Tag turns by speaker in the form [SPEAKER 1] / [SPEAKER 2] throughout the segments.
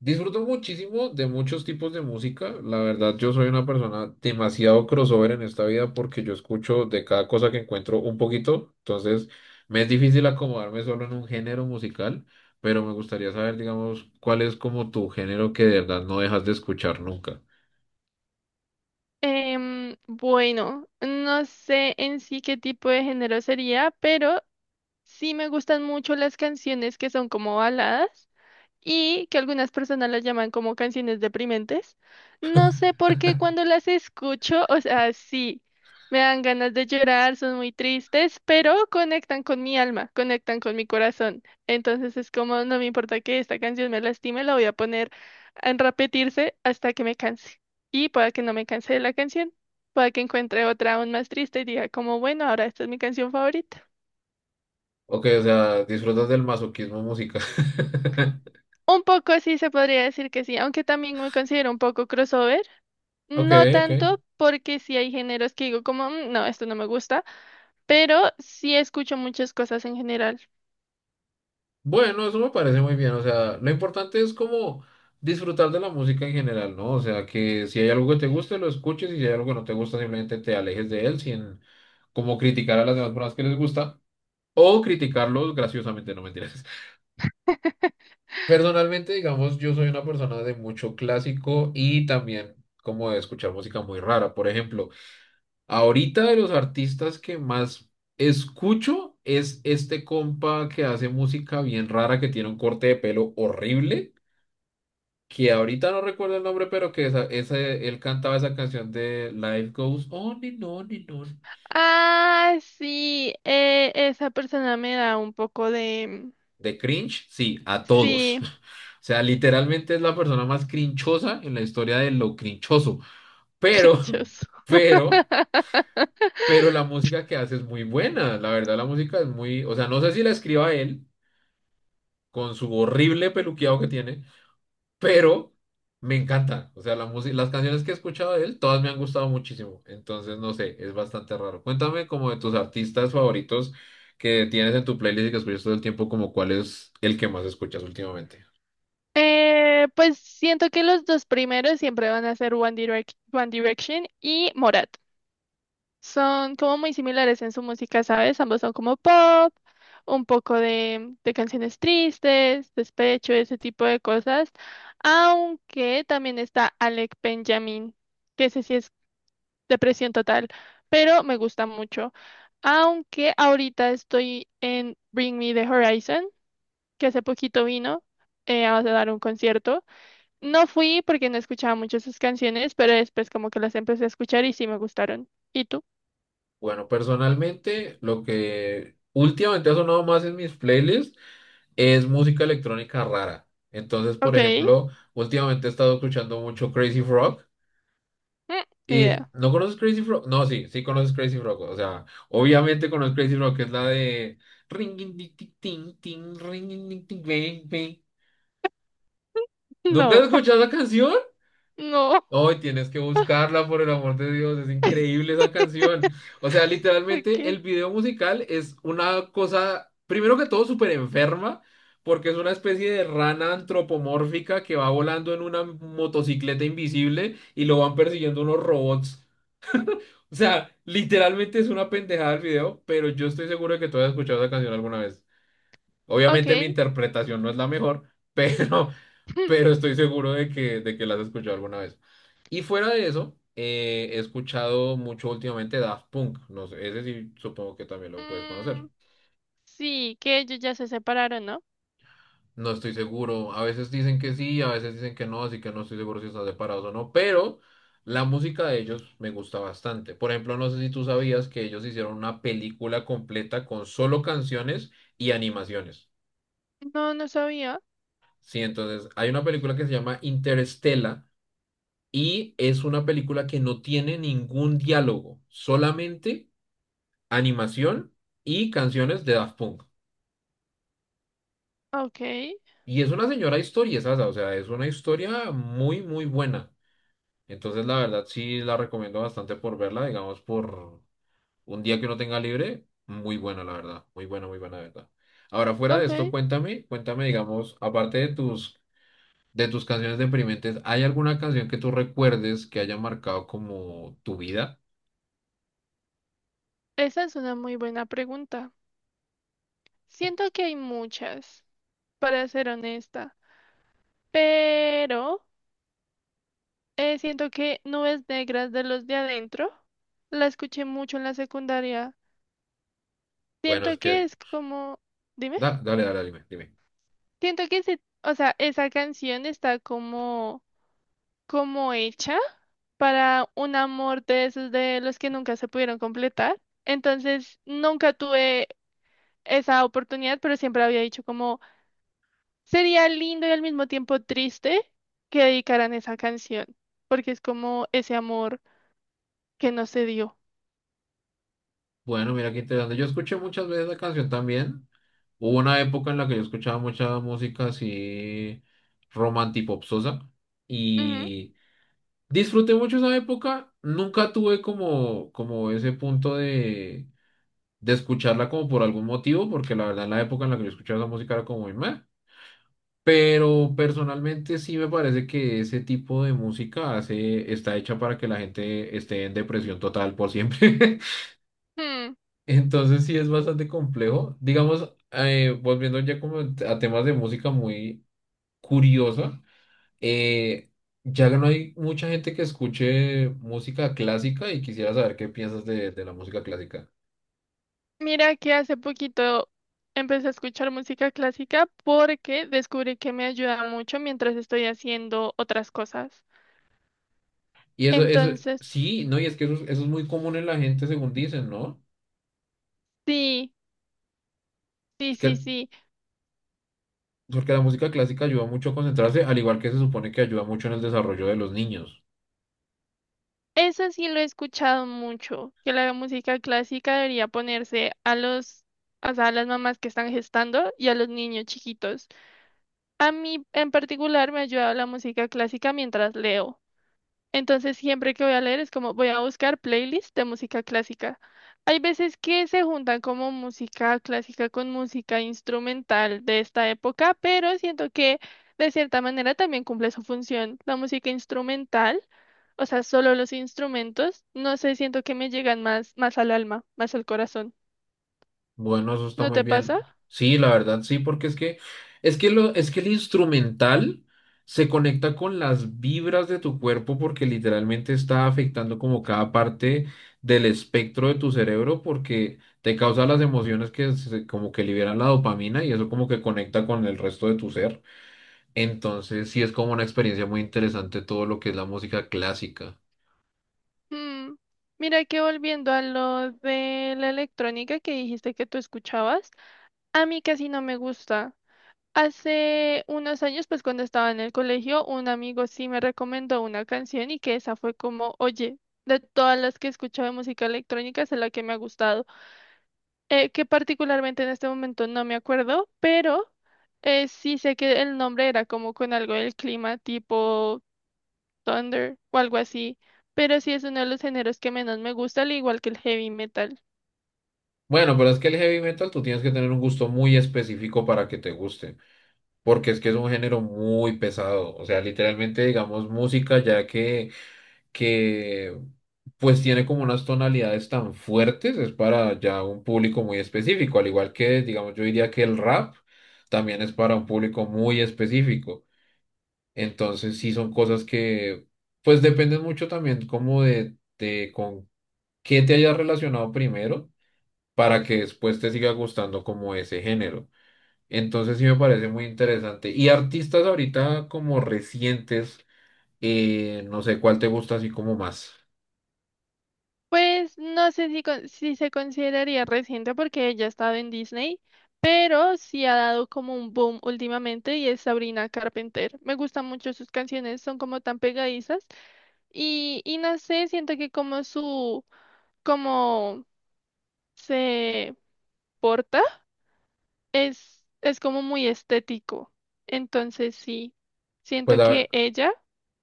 [SPEAKER 1] Disfruto muchísimo de muchos tipos de música. La verdad, yo soy una persona demasiado crossover en esta vida porque yo escucho de cada cosa que encuentro un poquito. Entonces, me es difícil acomodarme solo en un género musical, pero me gustaría saber, digamos, cuál es como tu género que de verdad no dejas de escuchar nunca.
[SPEAKER 2] Bueno, no sé en sí qué tipo de género sería, pero sí me gustan mucho las canciones que son como baladas y que algunas personas las llaman como canciones deprimentes. No sé por qué cuando las escucho, o sea, sí, me dan ganas de llorar, son muy tristes, pero conectan con mi alma, conectan con mi corazón. Entonces es como, no me importa que esta canción me lastime, la voy a poner en repetirse hasta que me canse. Y pueda que no me canse de la canción, pueda que encuentre otra aún más triste y diga como, bueno, ahora esta es mi canción favorita.
[SPEAKER 1] Ok, o sea, disfrutas del masoquismo musical.
[SPEAKER 2] Un poco sí se podría decir que sí, aunque también me considero un poco crossover.
[SPEAKER 1] Ok,
[SPEAKER 2] No
[SPEAKER 1] ok.
[SPEAKER 2] tanto porque sí hay géneros que digo como, "Mm, no, esto no me gusta", pero sí escucho muchas cosas en general.
[SPEAKER 1] Bueno, eso me parece muy bien. O sea, lo importante es como disfrutar de la música en general, ¿no? O sea, que si hay algo que te guste, lo escuches y si hay algo que no te gusta, simplemente te alejes de él sin como criticar a las demás personas que les gusta o criticarlos graciosamente, no mentiras. Personalmente, digamos, yo soy una persona de mucho clásico y también como de escuchar música muy rara. Por ejemplo, ahorita de los artistas que más escucho es este compa que hace música bien rara, que tiene un corte de pelo horrible que ahorita no recuerdo el nombre, pero que esa, él cantaba esa canción de Life Goes On and On and On.
[SPEAKER 2] Ah, sí, esa persona me da un poco de...
[SPEAKER 1] De cringe, sí, a todos.
[SPEAKER 2] Sí,
[SPEAKER 1] O sea, literalmente es la persona más crinchosa en la historia de lo crinchoso. Pero,
[SPEAKER 2] crinchoso.
[SPEAKER 1] pero, pero la música que hace es muy buena. La verdad, la música es muy, o sea, no sé si la escriba él con su horrible peluqueado que tiene. Pero me encanta. O sea, la música, las canciones que he escuchado de él, todas me han gustado muchísimo. Entonces, no sé, es bastante raro. Cuéntame como de tus artistas favoritos que tienes en tu playlist y que escuchas todo el tiempo, como cuál es el que más escuchas últimamente.
[SPEAKER 2] Pues siento que los dos primeros siempre van a ser One Direction y Morat. Son como muy similares en su música, ¿sabes? Ambos son como pop, un poco de canciones tristes, despecho, ese tipo de cosas. Aunque también está Alec Benjamin, que ese sí es depresión total, pero me gusta mucho. Aunque ahorita estoy en Bring Me the Horizon, que hace poquito vino a dar un concierto. No fui porque no escuchaba mucho sus canciones, pero después como que las empecé a escuchar y sí me gustaron. ¿Y tú?
[SPEAKER 1] Bueno, personalmente, lo que últimamente ha sonado más en mis playlists es música electrónica rara. Entonces, por
[SPEAKER 2] Ok.
[SPEAKER 1] ejemplo, últimamente he estado escuchando mucho Crazy Frog.
[SPEAKER 2] Mm, Ni
[SPEAKER 1] Y
[SPEAKER 2] idea.
[SPEAKER 1] no conoces Crazy Frog, no, sí, sí conoces Crazy Frog, o sea, obviamente conoces Crazy Frog, que es la de ringing ting ting ting ringing ding, ting bang bang. ¿Nunca has
[SPEAKER 2] No,
[SPEAKER 1] escuchado la canción?
[SPEAKER 2] no.
[SPEAKER 1] Hoy tienes que buscarla por el amor de Dios, es increíble esa canción. O sea, literalmente
[SPEAKER 2] Ok.
[SPEAKER 1] el video musical es una cosa, primero que todo, súper enferma, porque es una especie de rana antropomórfica que va volando en una motocicleta invisible y lo van persiguiendo unos robots. O sea, literalmente es una pendejada el video, pero yo estoy seguro de que tú has escuchado esa canción alguna vez. Obviamente mi
[SPEAKER 2] Ok.
[SPEAKER 1] interpretación no es la mejor, pero, pero estoy seguro de que, la has escuchado alguna vez. Y fuera de eso, he escuchado mucho últimamente Daft Punk. No sé, ese sí supongo que también lo puedes conocer.
[SPEAKER 2] Mm, sí, que ellos ya se separaron, ¿no?
[SPEAKER 1] No estoy seguro. A veces dicen que sí, a veces dicen que no, así que no estoy seguro si están separados o no. Pero la música de ellos me gusta bastante. Por ejemplo, no sé si tú sabías que ellos hicieron una película completa con solo canciones y animaciones.
[SPEAKER 2] No, no sabía.
[SPEAKER 1] Sí, entonces hay una película que se llama Interestela y es una película que no tiene ningún diálogo, solamente animación y canciones de Daft Punk.
[SPEAKER 2] Ok.
[SPEAKER 1] Y es una señora historia, ¿sabes? O sea, es una historia muy, muy buena. Entonces, la verdad, sí la recomiendo bastante por verla, digamos, por un día que uno tenga libre. Muy buena, la verdad. Muy buena, la verdad. Ahora, fuera de
[SPEAKER 2] Ok.
[SPEAKER 1] esto, cuéntame, cuéntame, digamos, aparte de tus canciones deprimentes, ¿hay alguna canción que tú recuerdes que haya marcado como tu vida?
[SPEAKER 2] Esa es una muy buena pregunta. Siento que hay muchas, para ser honesta. Pero siento que Nubes Negras de los de adentro la escuché mucho en la secundaria.
[SPEAKER 1] Bueno,
[SPEAKER 2] Siento
[SPEAKER 1] es
[SPEAKER 2] que
[SPEAKER 1] que,
[SPEAKER 2] es como. Dime.
[SPEAKER 1] dale, dale, dime, dime.
[SPEAKER 2] Siento que se. O sea, esa canción está como, como hecha para un amor de esos de los que nunca se pudieron completar. Entonces, nunca tuve esa oportunidad, pero siempre había dicho como sería lindo y al mismo tiempo triste que dedicaran esa canción, porque es como ese amor que no se dio.
[SPEAKER 1] Bueno, mira qué interesante. Yo escuché muchas veces la canción también. Hubo una época en la que yo escuchaba mucha música así romantipopsosa
[SPEAKER 2] Ujú.
[SPEAKER 1] y... Disfruté mucho esa época, nunca tuve como, como ese punto de escucharla como por algún motivo, porque la verdad la época en la que yo escuchaba esa música era como muy meh. Pero personalmente sí me parece que ese tipo de música hace, está hecha para que la gente esté en depresión total por siempre.
[SPEAKER 2] Hmm.
[SPEAKER 1] Entonces sí es bastante complejo. Digamos, volviendo ya como a temas de música muy curiosa. Eh, ya no hay mucha gente que escuche música clásica y quisiera saber qué piensas de la música clásica.
[SPEAKER 2] Mira que hace poquito empecé a escuchar música clásica porque descubrí que me ayuda mucho mientras estoy haciendo otras cosas.
[SPEAKER 1] Y eso,
[SPEAKER 2] Entonces,
[SPEAKER 1] sí, no, y es que eso es muy común en la gente, según dicen, ¿no?
[SPEAKER 2] sí, sí,
[SPEAKER 1] Es
[SPEAKER 2] sí,
[SPEAKER 1] que,
[SPEAKER 2] sí.
[SPEAKER 1] porque la música clásica ayuda mucho a concentrarse, al igual que se supone que ayuda mucho en el desarrollo de los niños.
[SPEAKER 2] Eso sí lo he escuchado mucho, que la música clásica debería ponerse a los, o sea, a las mamás que están gestando y a los niños chiquitos. A mí en particular me ayuda la música clásica mientras leo. Entonces, siempre que voy a leer es como voy a buscar playlists de música clásica. Hay veces que se juntan como música clásica con música instrumental de esta época, pero siento que de cierta manera también cumple su función. La música instrumental, o sea, solo los instrumentos, no sé, siento que me llegan más, más al alma, más al corazón.
[SPEAKER 1] Bueno, eso está
[SPEAKER 2] ¿No
[SPEAKER 1] muy
[SPEAKER 2] te
[SPEAKER 1] bien.
[SPEAKER 2] pasa?
[SPEAKER 1] Sí, la verdad, sí, porque es que lo, es que el instrumental se conecta con las vibras de tu cuerpo porque literalmente está afectando como cada parte del espectro de tu cerebro porque te causa las emociones que como que liberan la dopamina y eso como que conecta con el resto de tu ser. Entonces, sí es como una experiencia muy interesante todo lo que es la música clásica.
[SPEAKER 2] Mm, Mira que volviendo a lo de la electrónica que dijiste que tú escuchabas, a mí casi no me gusta. Hace unos años, pues cuando estaba en el colegio, un amigo sí me recomendó una canción y que esa fue como, oye, de todas las que he escuchado de música electrónica, esa es la que me ha gustado. Que particularmente en este momento no me acuerdo, pero sí sé que el nombre era como con algo del clima, tipo Thunder o algo así. Pero sí es uno de los géneros que menos me gusta, al igual que el heavy metal.
[SPEAKER 1] Bueno, pero es que el heavy metal tú tienes que tener un gusto muy específico para que te guste. Porque es que es un género muy pesado, o sea, literalmente digamos música ya que, que pues tiene como unas tonalidades tan fuertes, es para ya un público muy específico, al igual que digamos yo diría que el rap también es para un público muy específico, entonces sí son cosas que pues dependen mucho también como de, con qué te hayas relacionado primero para que después te siga gustando como ese género. Entonces sí me parece muy interesante. Y artistas ahorita como recientes, no sé cuál te gusta así como más.
[SPEAKER 2] Pues no sé si, si se consideraría reciente porque ella ha estado en Disney, pero sí ha dado como un boom últimamente y es Sabrina Carpenter. Me gustan mucho sus canciones, son como tan pegadizas y no sé, siento que como su, como se porta es como muy estético. Entonces sí,
[SPEAKER 1] Pues
[SPEAKER 2] siento
[SPEAKER 1] la-
[SPEAKER 2] que ella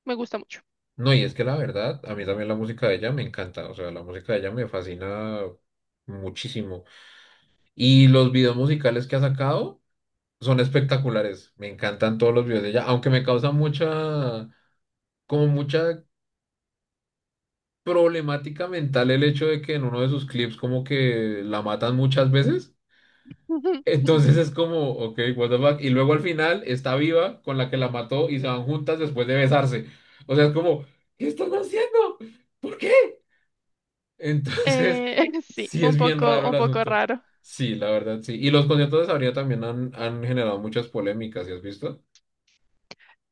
[SPEAKER 2] me gusta mucho.
[SPEAKER 1] no, y es que la verdad, a mí también la música de ella me encanta. O sea, la música de ella me fascina muchísimo. Y los videos musicales que ha sacado son espectaculares. Me encantan todos los videos de ella, aunque me causa mucha, como mucha problemática mental el hecho de que en uno de sus clips como que la matan muchas veces. Entonces es como, ok, what the fuck. Y luego al final está viva con la que la mató y se van juntas después de besarse. O sea, es como, ¿qué están haciendo? ¿Por qué? Entonces,
[SPEAKER 2] Sí,
[SPEAKER 1] sí es bien raro el
[SPEAKER 2] un poco
[SPEAKER 1] asunto.
[SPEAKER 2] raro.
[SPEAKER 1] Sí, la verdad, sí. Y los conciertos de Sabrina también han, han generado muchas polémicas, ¿sí has visto?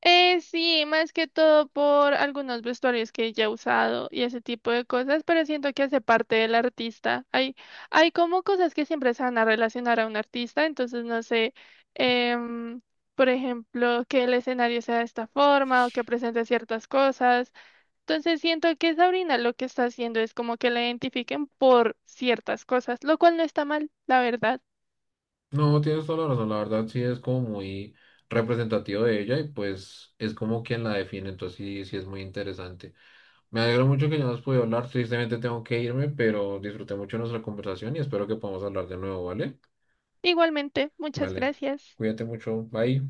[SPEAKER 2] Sí, más que todo por algunos vestuarios que ya he usado y ese tipo de cosas, pero siento que hace parte del artista. Hay como cosas que siempre se van a relacionar a un artista, entonces no sé, em, por ejemplo, que el escenario sea de esta forma o que presente ciertas cosas. Entonces siento que Sabrina lo que está haciendo es como que la identifiquen por ciertas cosas, lo cual no está mal, la verdad.
[SPEAKER 1] No, tienes toda la razón. La verdad, sí es como muy representativo de ella y pues es como quien la define. Entonces, sí, sí es muy interesante. Me alegro mucho que ya nos podido hablar. Tristemente tengo que irme, pero disfruté mucho nuestra conversación y espero que podamos hablar de nuevo, ¿vale?
[SPEAKER 2] Igualmente, muchas
[SPEAKER 1] Vale.
[SPEAKER 2] gracias.
[SPEAKER 1] Cuídate mucho. Bye.